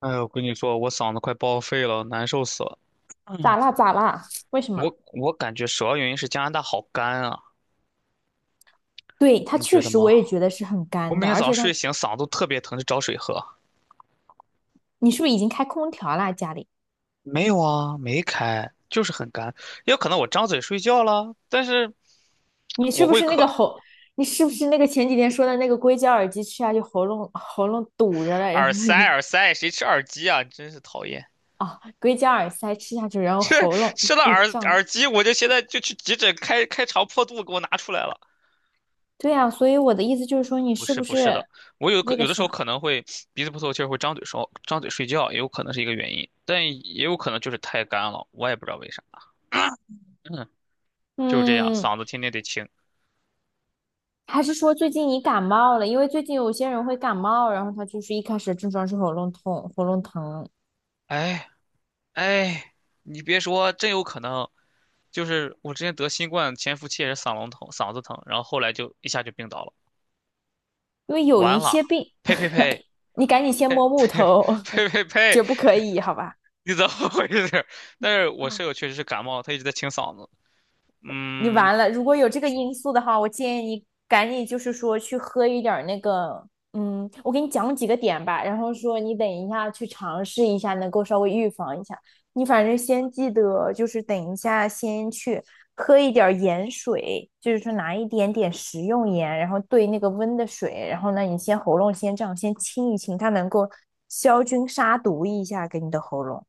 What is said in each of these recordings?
哎呀，我跟你说，我嗓子快报废了，难受死了。嗯，咋啦咋啦？为什么？我感觉主要原因是加拿大好干啊，对，它你确觉得实我吗？也觉得是很我干每的，天而早上且睡它，醒嗓子都特别疼，就找水喝。你是不是已经开空调啦？家里，没有啊，没开，就是很干。也有可能我张嘴睡觉了，但是你我是不会是那个嗑喉，你是不是那个前几天说的那个硅胶耳机吃下去喉咙堵着了，然耳后塞，耳塞谁吃耳机啊？真是讨厌！啊、哦硅胶耳塞吃下去，然后喉咙吃了被耳胀。耳机，我就现在就去急诊开开肠破肚，给我拿出来了。对呀、啊所以我的意思就是说，你不是是不不是的，是我有可那个有的时候啥？可能会鼻子不透气儿，会张嘴睡觉，也有可能是一个原因，但也有可能就是太干了，我也不知道为啥。嗯，就是这样，嗯，嗓子天天得清。还是说最近你感冒了？因为最近有些人会感冒，然后他就是一开始症状是喉咙痛、喉咙疼，哎哎，你别说，真有可能，就是我之前得新冠潜伏期也是嗓咙疼、嗓子疼，然后后来就一下就病倒了。因为有完一了，些病，呸呸呸你赶紧先呸摸木头，呸呸 呸，绝不可以，好吧？你怎么回事？但是我舍友确实是感冒，他一直在清嗓子。你嗯，完了，如果有这个因素的话，我建议你赶紧就是说去喝一点儿那个，我给你讲几个点吧，然后说你等一下去尝试一下，能够稍微预防一下。你反正先记得，就是等一下先去喝一点儿盐水，就是说拿一点点食用盐，然后兑那个温的水，然后呢，你先喉咙先这样先清一清，它能够消菌杀毒一下给你的喉咙。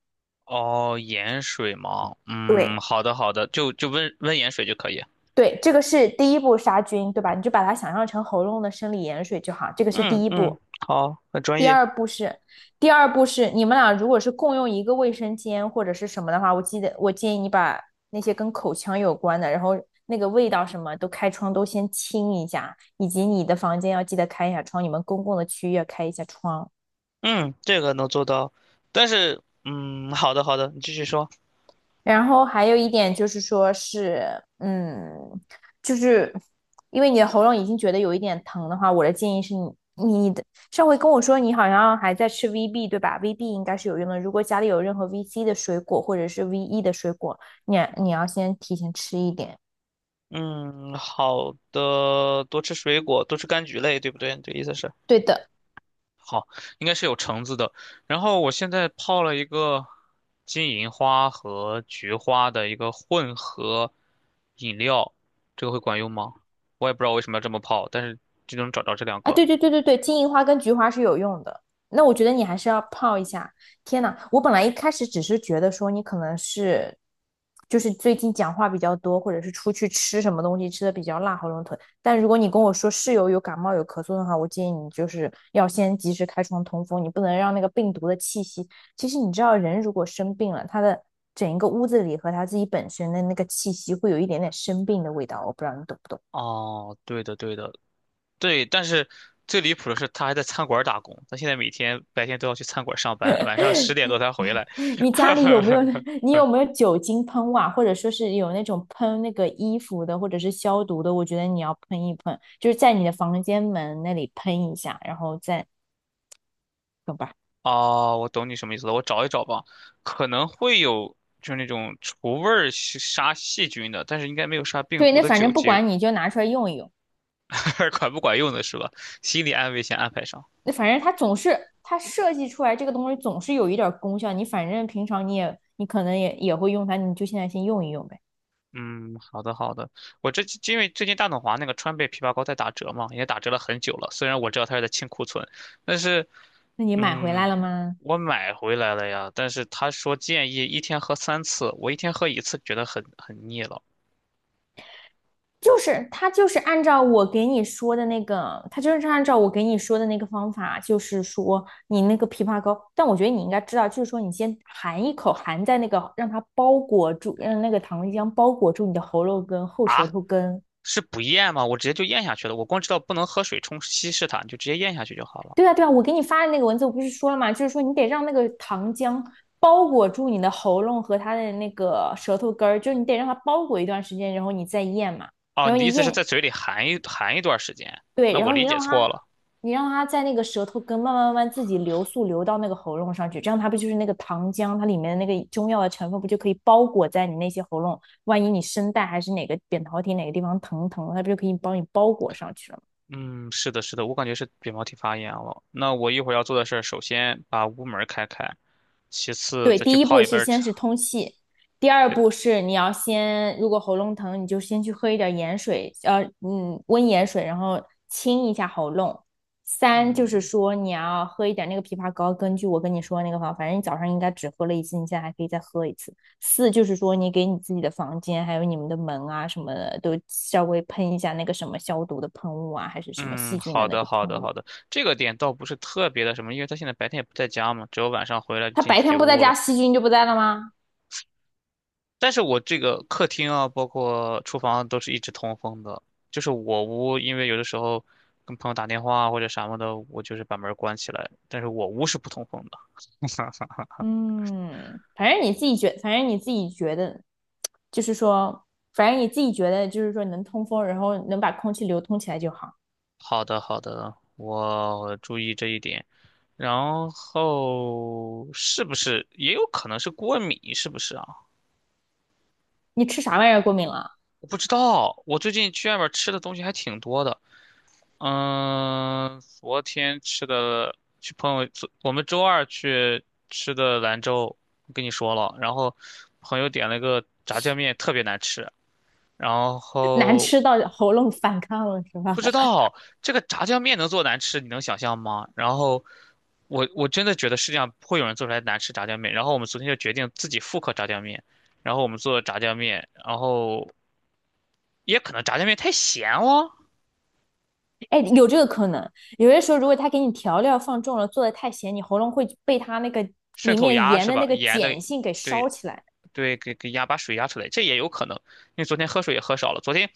哦，盐水吗？嗯，对。好的好的，就温温盐水就可以。对，这个是第一步杀菌，对吧？你就把它想象成喉咙的生理盐水就好，这个是嗯第一嗯，步。好，很专第业。二步是，第二步是你们俩如果是共用一个卫生间或者是什么的话，我记得我建议你把那些跟口腔有关的，然后那个味道什么都开窗都先清一下，以及你的房间要记得开一下窗，你们公共的区域要开一下窗。嗯，这个能做到，但是嗯，好的好的，你继续说。然后还有一点就是说是，就是因为你的喉咙已经觉得有一点疼的话，我的建议是你，你的上回跟我说你好像还在吃 VB 对吧？VB 应该是有用的，如果家里有任何 VC 的水果或者是 VE 的水果，你要先提前吃一点。嗯，好的，多吃水果，多吃柑橘类，对不对？这意思是对的。好，应该是有橙子的。然后我现在泡了一个金银花和菊花的一个混合饮料，这个会管用吗？我也不知道为什么要这么泡，但是就能找着这两啊，个。对对对对对，金银花跟菊花是有用的。那我觉得你还是要泡一下。天呐，我本来一开始只是觉得说你可能是，就是最近讲话比较多，或者是出去吃什么东西吃的比较辣，喉咙疼。但如果你跟我说室友有感冒有咳嗽的话，我建议你就是要先及时开窗通风，你不能让那个病毒的气息。其实你知道，人如果生病了，他的整一个屋子里和他自己本身的那个气息会有一点点生病的味道。我不知道你懂不懂。哦，对的，对的，对，但是最离谱的是，他还在餐馆儿打工，他现在每天白天都要去餐馆儿上班，晚上十点多才回来。你家里有没有那 你有没有酒精喷雾啊？或者说是有那种喷那个衣服的，或者是消毒的？我觉得你要喷一喷，就是在你的房间门那里喷一下，然后再懂吧？哦，我懂你什么意思了，我找一找吧，可能会有就是那种除味儿是杀细菌的，但是应该没有杀病对，毒那的反酒正不精，管你就拿出来用一用。管不管用的是吧？心理安慰先安排上。那反正它总是它设计出来这个东西总是有一点儿功效。你反正平常你也你可能也会用它，你就现在先用一用呗。嗯，好的好的，我这因为最近大董华那个川贝枇杷膏在打折嘛，也打折了很久了。虽然我知道它是在清库存，但是那你买回来嗯，了吗？我买回来了呀。但是他说建议一天喝三次，我一天喝一次觉得很腻了就是他就是按照我给你说的那个，他就是按照我给你说的那个方法，就是说你那个枇杷膏，但我觉得你应该知道，就是说你先含一口，含在那个让它包裹住，让那个糖浆包裹住你的喉咙根、后舌啊？头根。是不咽吗？我直接就咽下去了。我光知道不能喝水冲稀释它，你就直接咽下去就好了。对啊，对啊，我给你发的那个文字我不是说了吗？就是说你得让那个糖浆包裹住你的喉咙和它的那个舌头根儿，就是你得让它包裹一段时间，然后你再咽嘛。哦，然你后的意你思是咽在嘴里含一段时间？对，那然我后理你解让它，错了。你让它在那个舌头根慢慢慢慢自己流速流到那个喉咙上去，这样它不就是那个糖浆，它里面的那个中药的成分不就可以包裹在你那些喉咙？万一你声带还是哪个扁桃体哪个地方疼疼，它不就可以帮你包裹上去了？嗯，是的，是的，我感觉是扁桃体发炎了。那我一会儿要做的事儿，首先把屋门儿开开，其次对，再去第一泡步一是杯先茶。是通气，第二步是你要先，如果喉咙疼，你就先去喝一点盐水，温盐水，然后清一下喉咙。三就是嗯说你要喝一点那个枇杷膏，根据我跟你说的那个方法，反正你早上应该只喝了一次，你现在还可以再喝一次。四就是说你给你自己的房间还有你们的门啊什么的都稍微喷一下那个什么消毒的喷雾啊，还是什么嗯，细菌的好那的，个好喷的，雾。好的。这个点倒不是特别的什么，因为他现在白天也不在家嘛，只有晚上回来就他进白自己天不在屋家，了。细菌就不在了吗？但是我这个客厅啊，包括厨房都是一直通风的，就是我屋，因为有的时候跟朋友打电话啊或者什么的，我就是把门儿关起来，但是我屋是不通风的。嗯，反正你自己觉，反正你自己觉得，就是说，反正你自己觉得，就是说能通风，然后能把空气流通起来就好。好的，好的，我注意这一点。然后是不是也有可能是过敏？是不是啊？你吃啥玩意儿过敏了？我不知道。我最近去外面吃的东西还挺多的。嗯，昨天吃的去朋友，昨我们周二去吃的兰州，我跟你说了。然后朋友点了个炸酱面，特别难吃。然 难后吃到喉咙反抗了是吧？不知道这个炸酱面能做难吃，你能想象吗？然后我真的觉得世界上不会有人做出来难吃炸酱面。然后我们昨天就决定自己复刻炸酱面，然后我们做了炸酱面，然后也可能炸酱面太咸哦，哎，有这个可能。有些时候，如果他给你调料放重了，做的太咸，你喉咙会被他那个渗里透面压盐是的吧？那个盐的，碱性给烧对起来。对，给压把水压出来，这也有可能。因为昨天喝水也喝少了，昨天。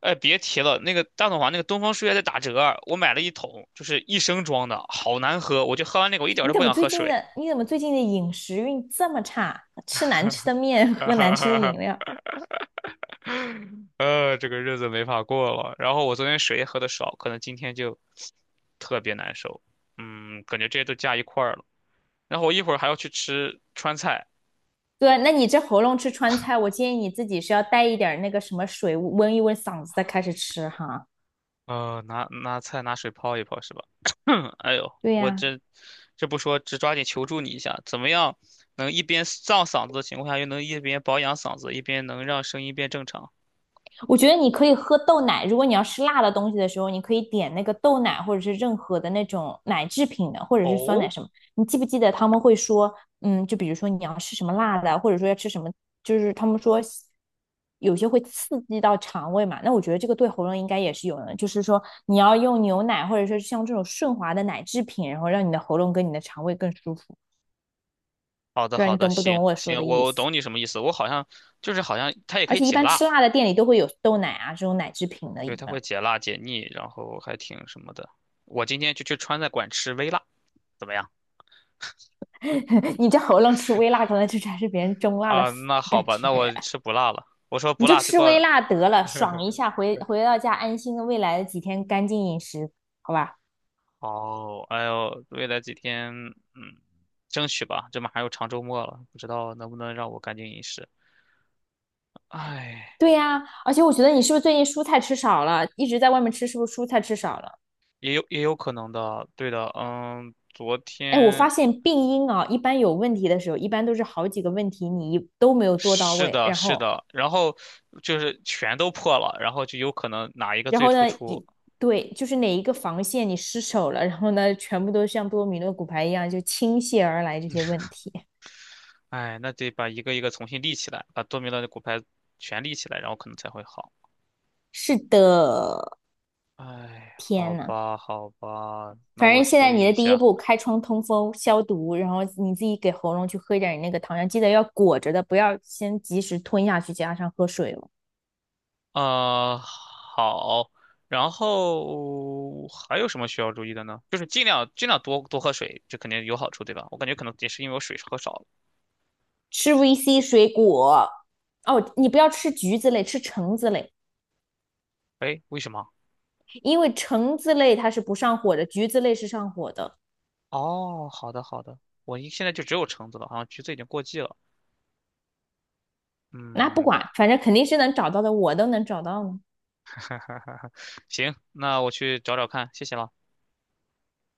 哎，别提了，那个大董房那个东方树叶在打折，我买了一桶，就是一升装的，好难喝，我就喝完那个，我一点儿你都怎不么想最喝近水。的，你怎么最近的饮食运这么差？吃难吃的面，喝难吃的饮料。这个日子没法过了。然后我昨天水也喝的少，可能今天就特别难受。嗯，感觉这些都加一块儿了。然后我一会儿还要去吃川菜，对，那你这喉咙吃川菜，我建议你自己是要带一点儿那个什么水温一温嗓子再开始吃哈。呃，拿菜拿水泡一泡是吧？哎呦，对我呀、这这不说，只抓紧求助你一下，怎么样能一边胀嗓子的情况下，又能一边保养嗓子，一边能让声音变正常？我觉得你可以喝豆奶，如果你要吃辣的东西的时候，你可以点那个豆奶，或者是任何的那种奶制品的，或者是酸奶哦，什么。你记不记得他们会说，就比如说你要吃什么辣的，或者说要吃什么，就是他们说有些会刺激到肠胃嘛。那我觉得这个对喉咙应该也是有的，就是说你要用牛奶，或者说像这种顺滑的奶制品，然后让你的喉咙跟你的肠胃更舒服。好的不知道好你的，懂不行懂我说行，的意我思？懂你什么意思。我好像就是好像它也可而以且一解般吃辣，辣的店里都会有豆奶啊这种奶制品的对，饮它会料。解辣解腻，然后还挺什么的。我今天就去川菜馆吃微辣，怎么样？你这喉咙吃微辣，可能就才是别人中辣的啊，那好感吧，觉。那我吃不辣了。我说你不就辣这吃微个，辣得了，爽一下，回回到家安心的未来的几天干净饮食，好吧？哦，哎呦，未来几天，嗯，争取吧，这马上又长周末了，不知道能不能让我赶紧饮食。哎，对呀、而且我觉得你是不是最近蔬菜吃少了，一直在外面吃，是不是蔬菜吃少了？也有也有可能的，对的，嗯，昨哎，我天发现病因啊，一般有问题的时候，一般都是好几个问题你一都没有做到是位，的，然是后，的，然后就是全都破了，然后就有可能哪一个然最后突呢，出，一对就是哪一个防线你失守了，然后呢，全部都像多米诺骨牌一样就倾泻而来这些问题。哎，那得把一个一个重新立起来，把多米诺的骨牌全立起来，然后可能才会好。是的，哎，好天呐，吧，好吧，那反我正现注在你意一的第一下。步，开窗通风消毒，然后你自己给喉咙去喝一点你那个糖浆，记得要裹着的，不要先及时吞下去，加上喝水了。啊、好。然后还有什么需要注意的呢？就是尽量尽量多多喝水，这肯定有好处，对吧？我感觉可能也是因为我水喝少了。吃 VC 水果，哦，你不要吃橘子类，吃橙子类，哎，为什么？因为橙子类它是不上火的，橘子类是上火的。哦，好的好的，我一现在就只有橙子了，好像橘子已经过季了。那不嗯，管，反正肯定是能找到的，我都能找到呢。哈哈哈哈，行，那我去找找看，谢谢了。